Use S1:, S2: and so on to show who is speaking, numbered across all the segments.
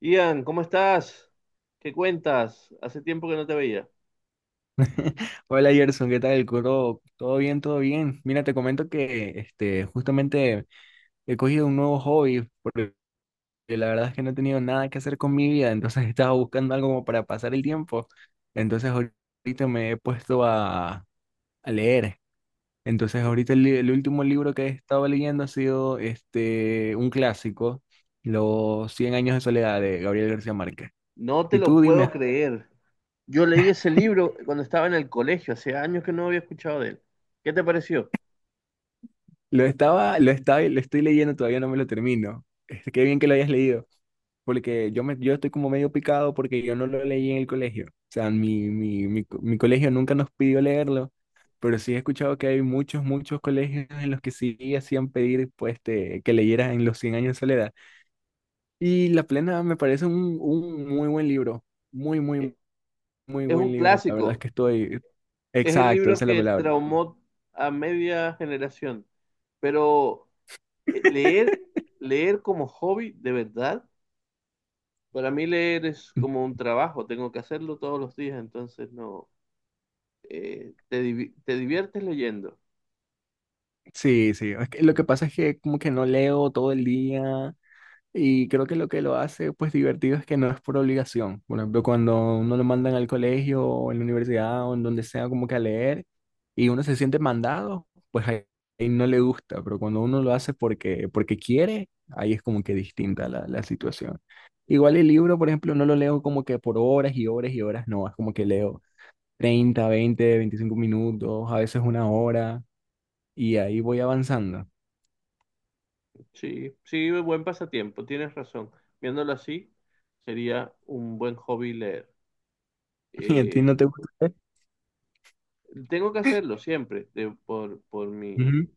S1: Ian, ¿cómo estás? ¿Qué cuentas? Hace tiempo que no te veía.
S2: Hola Gerson, ¿qué tal? Curo, todo bien, todo bien. Mira, te comento que justamente he cogido un nuevo hobby, porque la verdad es que no he tenido nada que hacer con mi vida, entonces estaba buscando algo como para pasar el tiempo. Entonces ahorita me he puesto a leer. Entonces ahorita el último libro que he estado leyendo ha sido un clásico, Los cien años de soledad de Gabriel García Márquez.
S1: No te
S2: Y
S1: lo
S2: tú
S1: puedo
S2: dime,
S1: creer. Yo leí ese libro cuando estaba en el colegio, hace años que no había escuchado de él. ¿Qué te pareció?
S2: lo estoy leyendo, todavía no me lo termino. Este, qué bien que lo hayas leído. Porque yo estoy como medio picado porque yo no lo leí en el colegio. O sea, mi colegio nunca nos pidió leerlo, pero sí he escuchado que hay muchos colegios en los que sí hacían pedir pues, que leyeras en los cien años de soledad. Y La Plena me parece un muy buen libro, muy,
S1: E-
S2: muy, muy
S1: Es un
S2: buen libro. La verdad es
S1: clásico,
S2: que estoy...
S1: es el
S2: Exacto,
S1: libro
S2: esa es la
S1: que
S2: palabra.
S1: traumó a media generación, pero leer, leer como hobby, de verdad, para mí leer es como un trabajo, tengo que hacerlo todos los días, entonces no, te diviertes leyendo.
S2: Sí, sí. Es que lo que pasa es que como que no leo todo el día. Y creo que lo hace pues divertido es que no es por obligación. Por ejemplo, cuando uno lo mandan al colegio o en la universidad o en donde sea como que a leer y uno se siente mandado, pues ahí no le gusta, pero cuando uno lo hace porque quiere, ahí es como que distinta la situación. Igual el libro, por ejemplo, no lo leo como que por horas y horas y horas, no, es como que leo 30 20 25 minutos, a veces una hora y ahí voy avanzando.
S1: Sí, sí, buen pasatiempo, tienes razón. Viéndolo así, sería un buen hobby leer.
S2: ¿Y a ti
S1: Eh,
S2: no te gusta?
S1: tengo que hacerlo siempre,
S2: Ujú.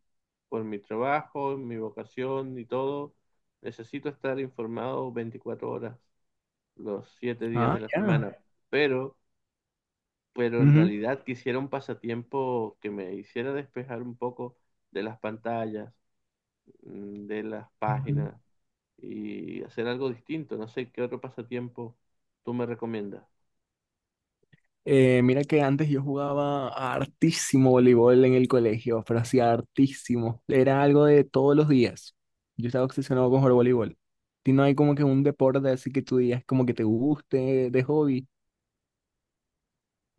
S1: por mi trabajo, mi vocación y todo. Necesito estar informado 24 horas, los 7 días
S2: Ah,
S1: de la
S2: ya.
S1: semana. Pero, pero en
S2: Ujú.
S1: realidad quisiera un pasatiempo que me hiciera despejar un poco de las pantallas, de las páginas y hacer algo distinto. No sé qué otro pasatiempo tú me recomiendas.
S2: Mira que antes yo jugaba hartísimo voleibol en el colegio, pero hacía hartísimo. Era algo de todos los días. Yo estaba obsesionado con jugar voleibol. ¿Y no hay como que un deporte así que tú digas como que te guste de hobby?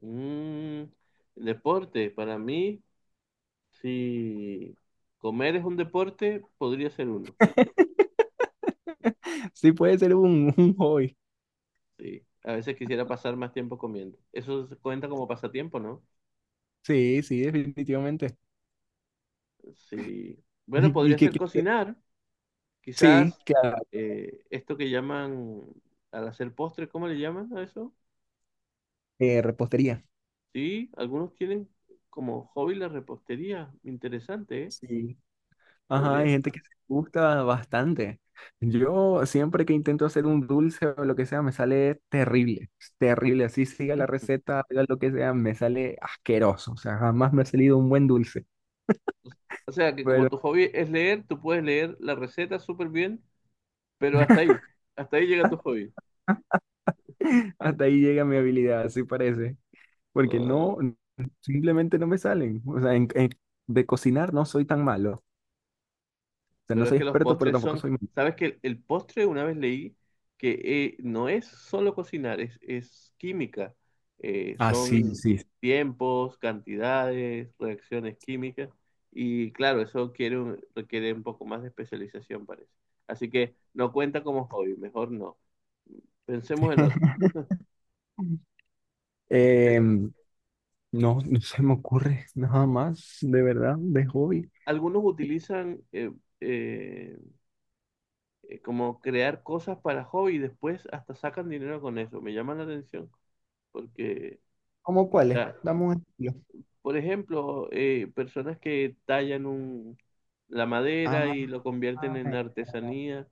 S1: Mm, deporte, para mí, si comer es un deporte, podría ser uno.
S2: Sí, puede ser un hobby.
S1: Sí. A veces quisiera pasar más tiempo comiendo. Eso se cuenta como pasatiempo, ¿no?
S2: Sí, sí, definitivamente.
S1: Sí. Bueno,
S2: Y, y
S1: podría
S2: que,
S1: ser
S2: que-
S1: cocinar.
S2: sí,
S1: Quizás
S2: claro,
S1: esto que llaman al hacer postre, ¿cómo le llaman a eso?
S2: repostería.
S1: Sí, algunos tienen como hobby la repostería. Interesante, ¿eh?
S2: Sí. Ajá, hay
S1: Podría
S2: gente
S1: ser.
S2: que se gusta bastante. Yo siempre que intento hacer un dulce o lo que sea, me sale terrible, terrible. Así siga la receta, haga lo que sea, me sale asqueroso. O sea, jamás me ha salido un buen dulce.
S1: O sea, que como
S2: Pero
S1: tu hobby es leer, tú puedes leer la receta súper bien, pero hasta ahí llega tu hobby.
S2: hasta ahí llega mi habilidad, así parece. Porque
S1: Ah,
S2: no, simplemente no me salen. O sea, de cocinar no soy tan malo. O sea, no
S1: pero es
S2: soy
S1: que los
S2: experto, pero
S1: postres
S2: tampoco
S1: son,
S2: soy malo.
S1: sabes que el postre una vez leí que no es solo cocinar, es química.
S2: Ah, sí,
S1: Son
S2: sí.
S1: tiempos, cantidades, reacciones químicas. Y claro, eso requiere un poco más de especialización, parece. Así que no cuenta como hobby, mejor no. Pensemos en otro. Eh,
S2: Em, no, no se me ocurre nada más, de verdad, de hobby.
S1: algunos utilizan eh, como crear cosas para hobby y después hasta sacan dinero con eso. Me llama la atención porque
S2: ¿Cómo cuáles?
S1: está,
S2: Dame un ejemplo.
S1: por ejemplo, personas que la madera y
S2: Ah,
S1: lo convierten en artesanía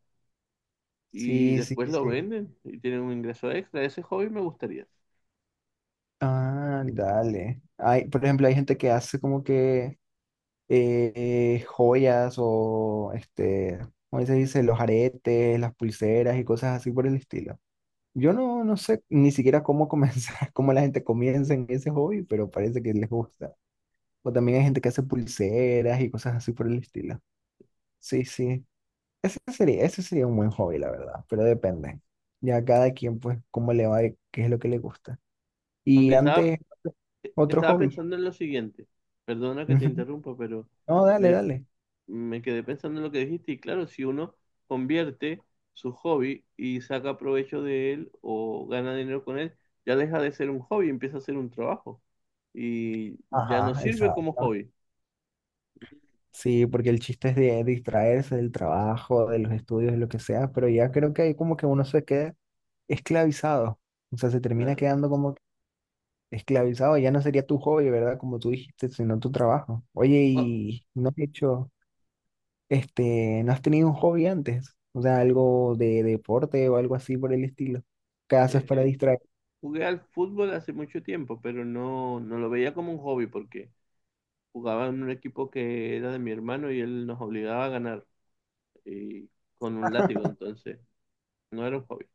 S1: y
S2: sí, sí,
S1: después
S2: sí.
S1: lo
S2: Sí.
S1: venden y tienen un ingreso extra. Ese hobby me gustaría.
S2: Ah, dale. Hay, por ejemplo, hay gente que hace como que joyas o ¿cómo se dice? Los aretes, las pulseras y cosas así por el estilo. Yo no, no sé ni siquiera cómo comenzar, cómo la gente comienza en ese hobby, pero parece que les gusta. O también hay gente que hace pulseras y cosas así por el estilo. Sí, sí. Ese sería un buen hobby, la verdad, pero depende. Ya cada quien, pues, cómo le va y qué es lo que le gusta.
S1: Aunque
S2: Y
S1: estaba,
S2: antes, otro
S1: estaba
S2: hobby.
S1: pensando en lo siguiente. Perdona que te
S2: Ujú.
S1: interrumpa, pero
S2: No, dale,
S1: me,
S2: dale.
S1: me quedé pensando en lo que dijiste. Y claro, si uno convierte su hobby y saca provecho de él o gana dinero con él, ya deja de ser un hobby, empieza a ser un trabajo. Y ya no
S2: Ajá,
S1: sirve como
S2: exacto.
S1: hobby.
S2: Sí, porque el chiste es de distraerse del trabajo, de los estudios, de lo que sea, pero ya creo que ahí como que uno se queda esclavizado. O sea, se termina
S1: Claro.
S2: quedando como esclavizado. Ya no sería tu hobby, ¿verdad? Como tú dijiste, sino tu trabajo. Oye,
S1: O-
S2: ¿y no has hecho? ¿No has tenido un hobby antes? O sea, algo de deporte o algo así por el estilo. ¿Qué haces para
S1: Eh,
S2: distraer?
S1: jugué al fútbol hace mucho tiempo, pero no, no lo veía como un hobby porque jugaba en un equipo que era de mi hermano y él nos obligaba a ganar y con un látigo, entonces no era un hobby.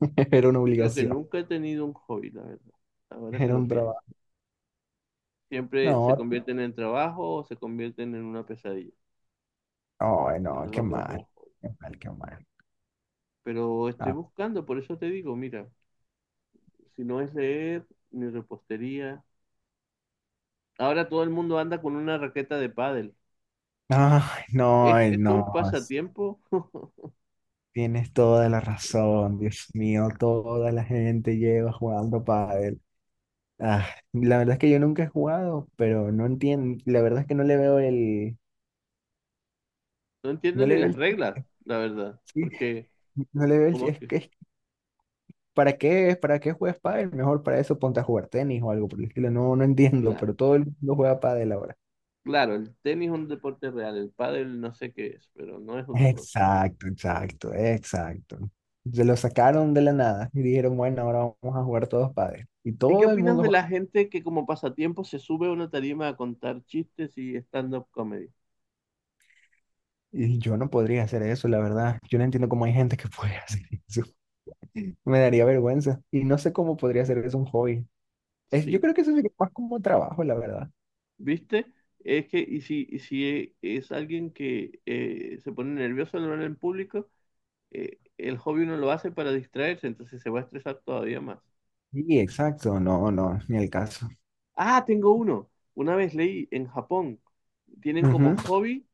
S2: Era una
S1: Creo que
S2: obligación,
S1: nunca he tenido un hobby, la verdad, ahora que
S2: era
S1: lo
S2: un
S1: pienso.
S2: trabajo.
S1: Siempre se
S2: No,
S1: convierten en trabajo o se convierten en una pesadilla,
S2: no,
S1: que
S2: no,
S1: no
S2: qué
S1: lo veo
S2: mal,
S1: como hobby.
S2: qué mal, qué mal.
S1: Pero estoy
S2: Ah,
S1: buscando, por eso te digo, mira, si no es leer ni repostería. Ahora todo el mundo anda con una raqueta de pádel. ¿Es
S2: ay,
S1: eso
S2: no,
S1: un pasatiempo?
S2: tienes toda la razón, Dios mío, toda la gente lleva jugando pádel. Ah, la verdad es que yo nunca he jugado, pero no entiendo, la verdad es que no le veo
S1: No entiendo
S2: no
S1: ni
S2: le veo
S1: las
S2: el chiste,
S1: reglas, la verdad. Porque,
S2: no le veo
S1: como
S2: es
S1: que,
S2: que, es ¿para qué, para qué juegas pádel? Mejor para eso ponte a jugar tenis o algo por el estilo. No, no entiendo,
S1: claro,
S2: pero todo el mundo juega pádel ahora.
S1: claro, el tenis es un deporte real, el pádel no sé qué es, pero no es un deporte.
S2: Exacto, exacto, exacto. Se lo sacaron de la nada y dijeron, bueno, ahora vamos a jugar todos pádel. Y
S1: ¿Y qué
S2: todo el
S1: opinas
S2: mundo
S1: de
S2: juega.
S1: la gente que como pasatiempo se sube a una tarima a contar chistes y stand-up comedy?
S2: Y yo no podría hacer eso, la verdad. Yo no entiendo cómo hay gente que puede hacer eso. Me daría vergüenza. Y no sé cómo podría hacer eso un hobby. Es, yo
S1: Sí,
S2: creo que eso sería más como trabajo, la verdad.
S1: ¿viste? Es que, y si es alguien que se pone nervioso al hablar en público, el hobby uno lo hace para distraerse, entonces se va a estresar todavía más.
S2: Sí, exacto. No, no, ni el caso.
S1: Ah, tengo uno. Una vez leí en Japón, tienen como
S2: Ujú.
S1: hobby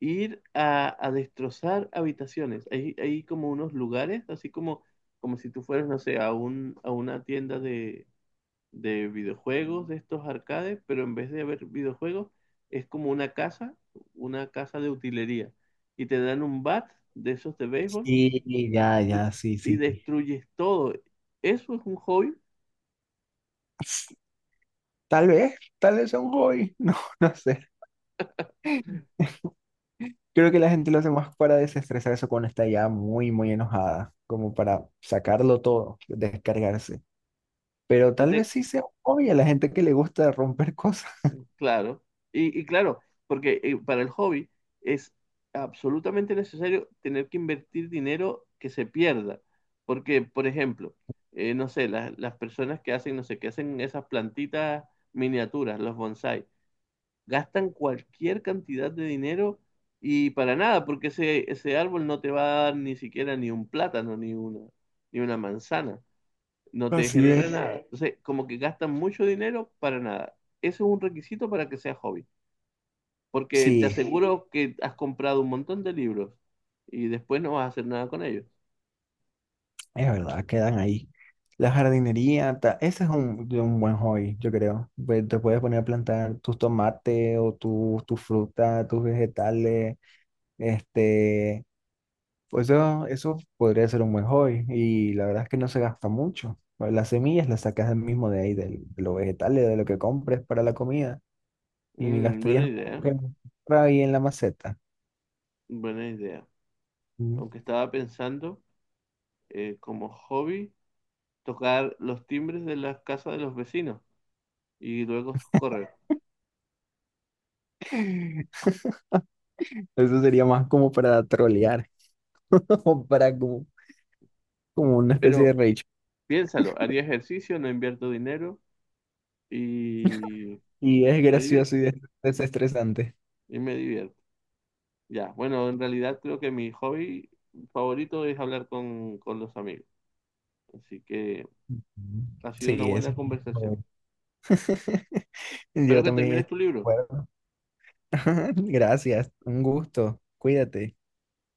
S1: ir a destrozar habitaciones. Hay como unos lugares, así como, como si tú fueras, no sé, a una tienda de videojuegos, de estos arcades, pero en vez de haber videojuegos, es como una casa de utilería. Y te dan un bat de esos de béisbol
S2: Sí, ya,
S1: y,
S2: ya, sí,
S1: y
S2: sí.
S1: destruyes todo. Eso es un hobby.
S2: Tal vez sea un hobby, no, no sé. Creo que la gente lo hace más para desestresarse cuando está ya muy, muy enojada, como para sacarlo todo, descargarse. Pero tal vez sí sea un hobby a la gente que le gusta romper cosas.
S1: Claro, y claro, porque para el hobby es absolutamente necesario tener que invertir dinero que se pierda, porque, por ejemplo, no sé, las personas que hacen, no sé, que hacen esas plantitas miniaturas, los bonsai, gastan cualquier cantidad de dinero y para nada, porque ese árbol no te va a dar ni siquiera ni un plátano, ni una, ni una manzana, no te
S2: Así
S1: genera
S2: es.
S1: nada. Entonces, como que gastan mucho dinero para nada. Eso es un requisito para que sea hobby porque te
S2: Sí,
S1: aseguro que has comprado un montón de libros y después no vas a hacer nada con ellos.
S2: es verdad, quedan ahí. La jardinería, ese es un, de un buen hobby, yo creo. Pues te puedes poner a plantar tus tomates o tus tu fruta, tus vegetales, este, pues eso podría ser un buen hobby y la verdad es que no se gasta mucho. Bueno, las semillas las sacas del mismo de ahí, de los vegetales, de lo que compres para la comida y
S1: Mm, buena
S2: gastarías como
S1: idea,
S2: que ahí en la maceta.
S1: buena idea.
S2: Mm.
S1: Aunque estaba pensando como hobby tocar los timbres de las casas de los vecinos y luego correr.
S2: Eso sería más como para trolear o para como, como una especie de
S1: Pero
S2: rage.
S1: piénsalo, haría ejercicio, no invierto dinero y
S2: Y es
S1: me
S2: gracioso
S1: divierto.
S2: y desestresante.
S1: Y me divierto. Ya, bueno, en realidad creo que mi hobby favorito es hablar con los amigos. Así que
S2: Ujú.
S1: ha sido una
S2: Sí, eso.
S1: buena conversación.
S2: Bueno. Yo
S1: Espero que termines
S2: también.
S1: tu libro.
S2: Bueno, gracias, un gusto. Cuídate.